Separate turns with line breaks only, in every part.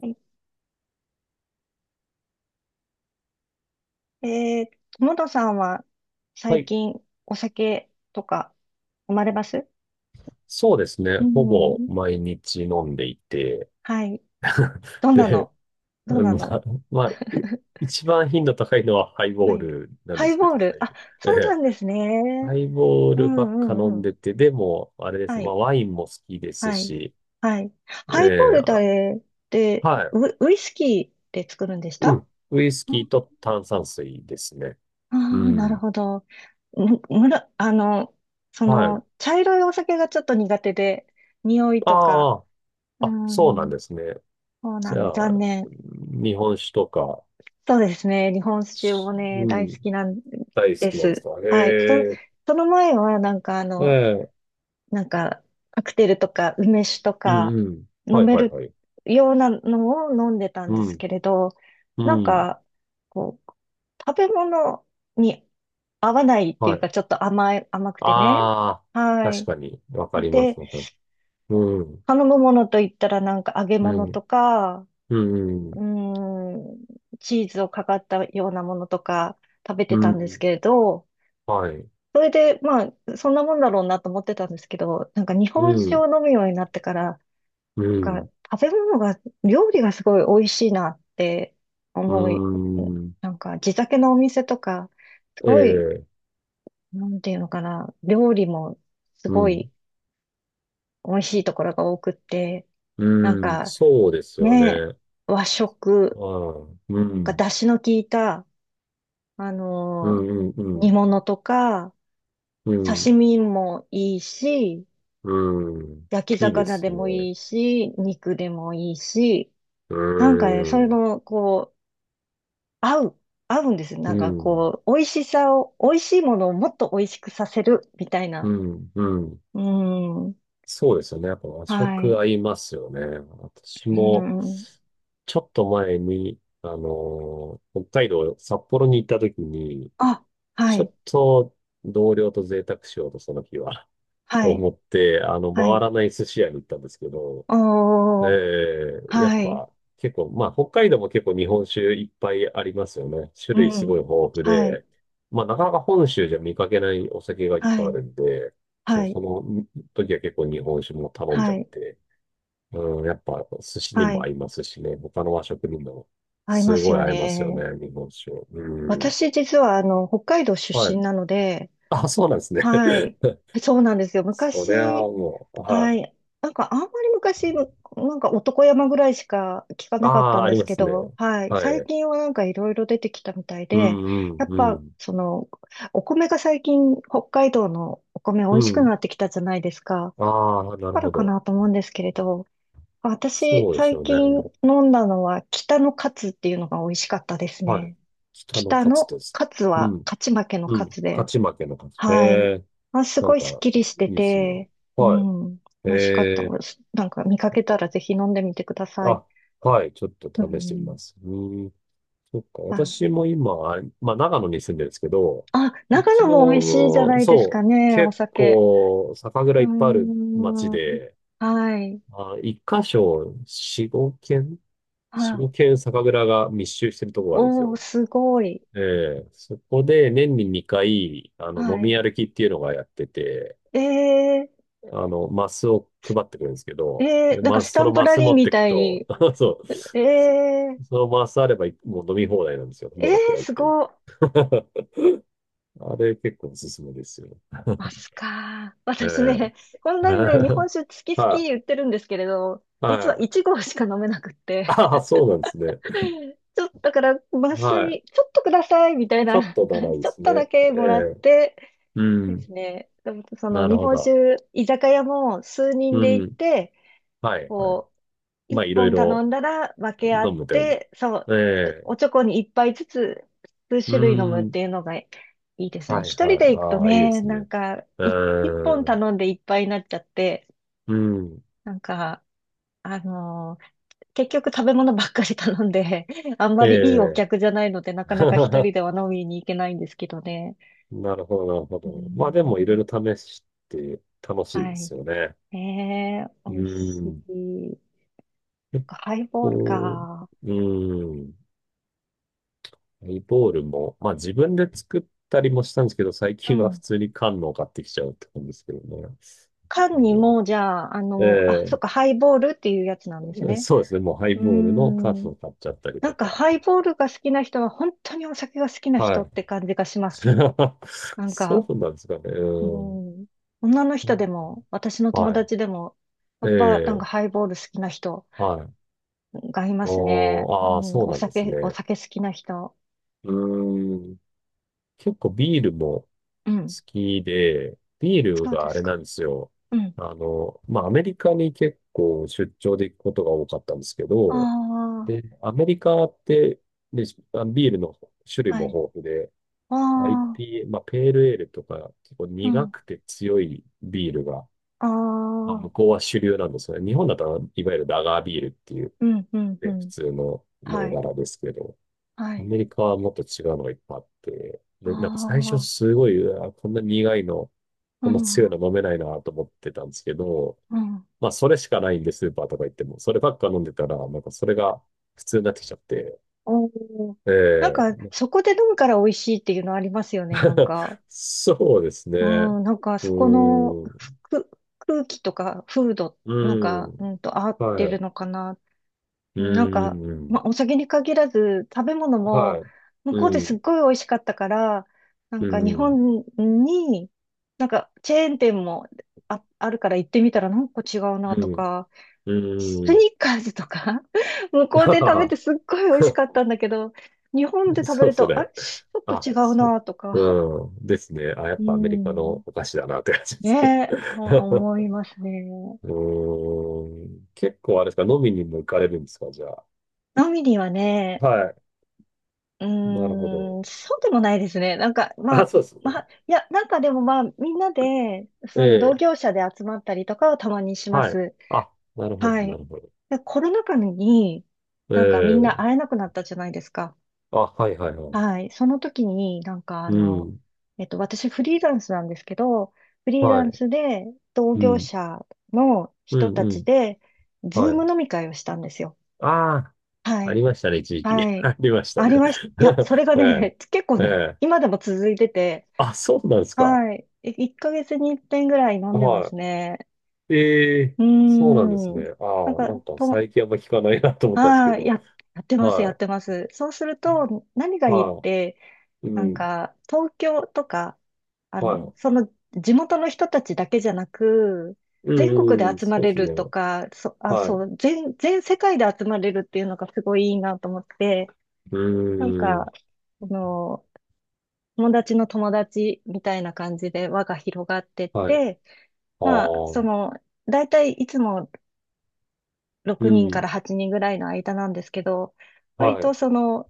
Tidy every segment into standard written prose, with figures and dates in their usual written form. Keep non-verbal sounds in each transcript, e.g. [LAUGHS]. はい。友野さんは
は
最
い。
近お酒とか飲まれます？
そうですね。
う
ほぼ
ん。
毎日飲んでいて。
はい。
[LAUGHS]
どんな
で、
のどん
うん
な
まあ、
の
[LAUGHS] まあ、い一番頻度高いのはハイボ
は
ー
い。
ルなん
ハ
で
イ
すけ
ボ
ど、
ール。
最
あ、
近。え
そうな
え
んですね。
ハイボー
う
ルば
ん
っ
う
か飲
ん
ん
うん。
でて、でも、あれです
は
ね。ま
い。
あ、ワインも好きです
はい。
し、
はい。ハイボー
ええ
ルって
あはい。
ウイスキーで作るんでした？
う
あ
ん。ウイスキーと炭酸水ですね。
あ
う
ー、なる
ん。
ほど。む、むら、そ
はい。
の、茶色いお酒がちょっと苦手で、匂いとか。
ああ、
う
あ、そうなん
ん。
ですね。
そう
じ
なん
ゃ
で、残
あ、う
念。
ん日本酒とか、
そうですね。日本酒もね、
う
大好
ん、
きなん
大好
で
きなんです
す。
か。へ
はい。
え。
その前は、なんか
ええ、
なんか、カクテルとか梅酒と
う
か
んうん。
飲
はい
め
はい
る
はい。
ようなのを飲んでたん
う
です
ん、
けれど、な
う
ん
ん。
か、こう、食べ物に合わないって
は
いう
い。
か、ちょっと甘い、甘くてね。
ああ、
は
確
い。
かに、わかりま
で、
す。わかるうん、
頼むものといったら、なんか揚げ
う
物と
ん、
か、
う
うー
ん、
ん、チーズをかかったようなものとか食べ
う
てた
ん。
んですけれど、
はい。
それで、まあ、そんなもんだろうなと思ってたんですけど、なんか日
う
本酒を
ん、
飲むようになってから、
う
なんか
ん、
食べ物が、料理がすごい美味しいなって
う
思い、
ん。
なんか地酒のお店とか、す
え
ごい、
え、
なんていうのかな、料理もす
う
ごい
ん、
美味しいところが多くって、なん
うん。
か
そうですよ
ね、
ね。
和
あ
食、
あ、う
が
ん、
出汁の効いた、あ
う
の
ん、うん、う
煮
ん、
物とか、
う
刺
ん。
身もいいし、
うん
焼き
いいで
魚で
す
も
ね。
いいし、肉でもいいし、
う
なんかね、それ
ん、
の、こう、合う、合うんですよ。
う
なんか
ん、
こう、美味しさを、美味しいものをもっと美味しくさせる、みたい
う
な。
ん、うん。
うん。
そうですよね。やっぱ和
は
食
い。
合いますよね。私
う
も、
ん。
ちょっと前に、北海道、札幌に行った時に、
あ、は
ちょ
い。
っと同僚と贅沢しようと、その日は、[LAUGHS]
は
と
い。
思って、あの、
は
回
い。
らない寿司屋に行ったんですけど、え
おー。
え、やっ
はい。
ぱ結構、まあ北海道も結構日本酒いっぱいありますよね。種
う
類す
ん。
ごい豊富
はい。
で、まあなかなか本州じゃ見かけないお酒がいっ
は
ぱいあ
い。
るんで、そ
は
う、
い。
その時は結構日本酒も頼んじ
は
ゃっ
い。
て、うん、やっぱ寿司に
は
も
い。
合いますしね、他の和食にも
合いま
す
す
ごい
よ
合いますよね、
ね。
日本酒。うん。
私実は北海道出
は
身
い。
なので、
あ、そうなんですね。
はい。そうなんですよ。
[LAUGHS] そりゃあ
昔、
もう、は
は
い。
い。なんかあんまり昔、なんか男山ぐらいしか聞か
あ
なかった
あ、
ん
あ
で
り
す
ま
け
すね。
ど、はい。
は
最
い。
近はなんかいろいろ出てきたみたい
う
で、
ん
やっ
うんう
ぱ
ん。
その、お米が最近北海道のお米美
う
味しく
ん。
なってきたじゃないですか。
ああ、
だ
なる
から
ほ
か
ど。
なと思うんですけれど、私
そうです
最
よね。
近飲んだのは北のカツっていうのが美味しかったです
はい。
ね。
北の
北
勝つ
の
です。
勝つ
う
は
ん。
勝ち負けの
う
勝
ん。
つ
勝
で、
ち負けの勝つ。え
はい。
え、
あ、す
な
ご
ん
いスッ
か、
キリし
い
て
いですね。
て、う
は
ん、
い。え
美味しかった
え、
です。なんか見かけたらぜひ飲んでみてください。
あ、はい。ちょっと
う
試してみ
ん、
ます。うん。そっか。
あ、
私も今、まあ、長野に住んでるんですけど、
あ、
う
長
ち
野も美味しいじゃ
の、
ないですか
そう、
ね、お
結
酒。
構、酒蔵
う
い
ー
っぱいある町
ん、
で、
はい。
まあ、一箇所、四
あ、
五軒酒蔵が密集してるところがあるんです
おー、
よ。
すごい。
ええ、そこで年に2回、あの、
は
飲み
い。
歩きっていうのがやってて、
え
あの、マスを配ってくるんですけど、で、
なんか
ま
ス
そ
タ
の
ンプ
マ
ラ
ス
リ
持
ー
っ
み
てく
たい
と、
に。
[LAUGHS] そう、
え
そ
ー、
そのマスあれば、もう飲み放題なんですよ。
え
どのくらい行
す
っても。
ごい。
[LAUGHS] あれ結構おすすめですよ。
マ
[LAUGHS]
スか。
え
私
え。
ね、[LAUGHS] こんなにね、日本
[LAUGHS]
酒好き好き
はい。
言ってるんですけれど、実は
はい。
1合しか飲めなくって、
ああ、そうなんですね。
[LAUGHS] ちょっと、だから、マス
はい。
に、ちょっとくださいみたい
ちょっ
な
と
感
長
じ、
い
[LAUGHS]
で
ちょっ
す
とだ
ね。
け
え
もらっ
え。
て
う
で
ん。
すね、でもその
なる
日
ほ
本
ど。
酒、居酒屋も数人
う
で行っ
ん。
て、
はい。はい。
こ一
まあ、いろい
本頼
ろ
んだら分け合
飲
っ
むって感じ。
て、そう、
ええ。
おちょこに一杯ずつ、数
うー
種類飲むっ
ん。
ていうのがいいですね。
はい
一人
はい。
で行くと
ああ、いいで
ね、
す
な
ね。
ん
う
か、一本
ーん。
頼んでいっぱいになっちゃって、
うん。
なんか、あのー結局食べ物ばっかり頼んで、[LAUGHS] あんまりいいお
ええ。
客じゃないので、なかなか一人では
[LAUGHS]
飲みに行けないんですけどね。
なるほど、なるほ
うー
ど。まあでもいろい
ん、
ろ試して楽しい
は
で
い。
すよね。うー
美味し
ん。
い。
結
ハイボール
構、
か。
うーん。ハイボールも、まあ自分で作ったりもしたんですけど、最
う
近は普
ん。
通に缶のを買ってきちゃうって感じですけどね。う
缶に
ん
も、じゃあ、あ、そっ
え
か、ハイボールっていうやつなんです
え
ね。
そうですね。もうハイ
うー
ボールの缶
ん。
を買っちゃったり
な
と
んか、
か。
ハイボールが好きな人は、本当にお酒が好きな
は
人っ
い。
て感じがします。
[LAUGHS]
なんか、
そうなんですかね。
う
うん。
ん。女の人でも、私の友
はい。
達でも、
え
やっぱ、なんか、
え、
ハイボール好きな人
はい。
がいますね。
おー、
う
ああ、
ん、
そうなんです
お
ね。
酒好きな人。
うーん。結構ビールも好
うん。
きで、ビール
そう
が
で
あ
す
れ
か。
なんですよ。
うん。
あの、まあ、アメリカに結構出張で行くことが多かったんですけど、
あ
で、アメリカって、で、あビールの種類
あ、は
も
い。
豊富で、
ああ、
IPA、まあ、ペールエールとか、結構
う
苦
ん。
くて強いビールが、
あ
まあ、
あ、
向こうは主流なんですよね。日本だと、いわゆるラガービールっていう、
うん、うん、う
ね、普
ん。
通の銘
はい。
柄ですけど、
は
ア
い。
メリカはもっと違うのがいっぱいあって、
あ
で、なんか最初
あ、
すごい、うわこんな苦いの、
う
こんな強
ん、
いの飲めないなと思ってたんですけど、
うん。
まあ、それしかないんで、スーパーとか行っても、そればっか飲んでたら、なんかそれが普通になってきちゃって、
おー。
え
なんか、
え
そこで飲むから美味しいっていうのありますよね、なん
[LAUGHS]
か。
そうですね。
う
う
ん、なんか、
ー
そこの
ん、う
ふ空気とか、風土、
ー
なんか、
ん、
合っ
は
て
い、
る
う
のかな。
ー
なんか、ま
ん、
あ、お酒に限らず、食べ物
は
も、向
い、
こうで
う
すっ
ん、
ごい美味しかったから、なん
う
か、日
ん、
本に、なんか、チェーン店もあるから行ってみたら、なんか違うな
う
と
ん。
か、ス
うーん。
ニーカーズとか [LAUGHS] 向こ
[LAUGHS]
うで食べて
あ
すっごい美味
あ、
しかったん
[LAUGHS]
だけど、日本で食べ
そう、
る
そ
と、あ
れ。
れちょっと
あ、
違う
そ
なと
う。
か。
うん。ですね。あ、や
う
っぱアメリカの
ん。
お菓子だなって感じで
ね
すね。
え、あ思い
[LAUGHS]
ますね。
うーん。結構あれですか、飲みにも行かれるんですか、じゃあ。
飲みにはね、
はい。
う
なるほど。
ーん、そうでもないですね。なんか、ま
あ、
あ、
そうです。
いや、なんかでもまあ、みんなで、
え
その同
え。
業者で集まったりとかはたまにしま
はい。
す。
あ、なるほど、
は
な
い。
るほど。
で、コロナ禍に、
え
なんかみんな
え。
会えなくなったじゃないですか。
あ、はい、はい、はい。
はい。その時に、なんか
うん。
私フリーランスなんですけど、フリーラ
は
ン
い。
スで同
う
業
ん。
者の
う
人
ん、
た
う
ち
ん。
で、ズー
はい。
ム飲み会をしたんですよ。
ああ、
は
あ
い。
りましたね、一時期。
は
[LAUGHS]
い。
ありました
あ
ね。
りました。いや、それが
[LAUGHS] ええ。
ね、[LAUGHS] 結構
え
ね、
え。
今でも続いてて、
あ、そうなんですか。
はい。1ヶ月に1遍ぐらい飲んでま
は
すね。
い。ええ、
うー
そうなんですね。
ん。なん
ああ、
か、
なんか最近あんま聞かないなと思ったんですけ
ああ、
ど。
やってます、やっ
は
てます。そうすると、何が
い。
いいっ
は
て、
い。
な
う
ん
ん。
か、東京とか、
はい。
その地元の人たちだけじゃなく、
う
全国で
んうん、
集ま
そうで
れ
す
ると
ね。
か、
はい。
そ
う
う、全世界で集まれるっていうのがすごいいいなと思って、
ー
なん
ん。
か、その、友達の友達みたいな感じで輪が広がってっ
はい。
て、
あ
まあ、そ
あ。
の、だいたいいつも6
う
人か
ん。
ら8人ぐらいの間なんですけど、割
は
と
い。
その、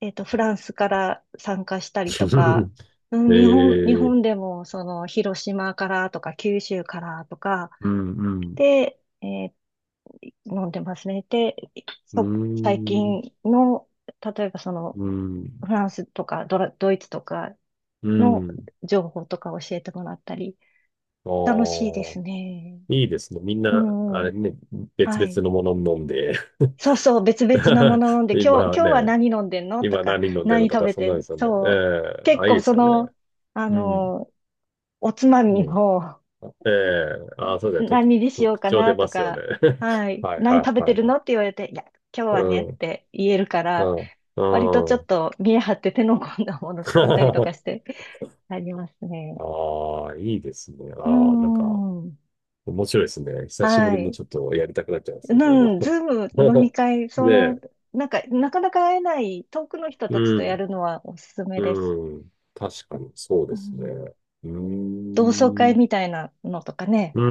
フランスから参加したりとか、
[LAUGHS]
うん。
え
日
え、
本でも、その、広島からとか、九州からとか、
うん、うん、
で、飲んでますね。で、
うー
そ、最
ん、
近の、例えばその、
う
フ
ん、
ランスとかドイツとか
う
の
ん。
情報とか教えてもらったり、
あ
楽しいで
あ、
すね。
いいですね。みん
う
な、
ん
あ
う
れ
ん。
ね、別
は
々
い。
のもの飲んで
そうそう、別々なも
[LAUGHS]
の飲んで、
今
今日は
ね、
何飲んでんのと
今
か、
何飲んでるの
何
と
食
か、
べ
そんな
て
んですよね。え
そう。
え
結
あ、いい
構
で
そ
すよね。
の、あ
うん。
のおつまみ
ね。
も、
あええあ、そうだよ。特、
何にしよう
特
か
徴出
な
ま
と
すよね。
か、
[LAUGHS]
はい、
はい
何
は
食
い
べ
は
て
い
る
はい。
のって言われて、いや、今日は
う
ねっ
ん、
て言えるか
う
ら、割と
ん、
ち
う
ょっ
ん。
と見え張って手の込んだもの作ったりと
[LAUGHS]
かして、ありますね。
ああ、いいですね。
うー
ああ、なんか、
ん。
面白いですね。久しぶ
は
りに
い。
ちょっとやりたくなっちゃいますね、それは
うん、ズーム飲み会、
[LAUGHS]
そ
ね
の、
え、
なんか、なかなか会えない遠くの人
う
たちとや
ん、
るのはおすすめです。
うん。確かに、そう
う
ですね。
ん、
うー
同窓会
ん。
みたいなのとかね。
う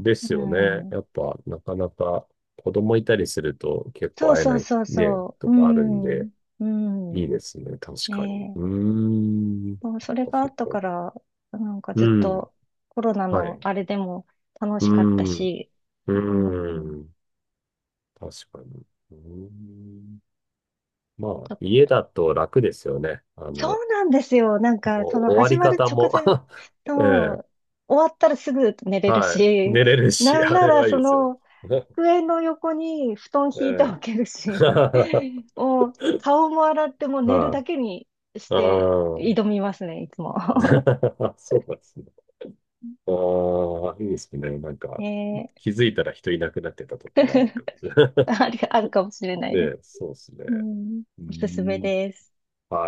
ん、で
う
すよね。
ん。
やっぱ、なかなか子供いたりすると結
そ
構
う
会え
そ
な
う
い
そう
ね、
そう。
と
う
かあるんで、
ん。う
いい
ん。
ですね。確かに。
ね
う
え、
ーん。
もうそれ
あ、
があ
そっ
ったか
か。
ら、なんか
う
ずっ
ん。
とコロナ
は
の
い。
あれでも楽
う
しかった
ん。
し、う
う
ん、
ん。確かに。うん。ま
ち
あ、
ょ、
家だと楽ですよね。あの、
そ
も
うなんですよ。なん
う
か、その
終わ
始
り
まる
方
直
も
前
[LAUGHS] ええ、
と、終わったらすぐ寝れる
はい。
し、
寝れるし、
なん
あ
な
れ
ら
はいい
そ
ですよ。
の、
[LAUGHS]
机の横に布団敷いて
え
お
え。
ける
[LAUGHS]
し、
は
[LAUGHS] もう顔も洗ってもう寝るだ
い。
けにし
あ
て
あ。
挑みますね、いつも。
[LAUGHS] そうなんですね。ああ、いいですね。なん
[LAUGHS]
か、
ね
気づいたら人いなくなってたとか
え
もあるかもしれな
[LAUGHS]、
い。
[LAUGHS] あるかもしれないです。
[LAUGHS] で、そうですね。
うん、
うー
おすすめ
ん。
です。
はい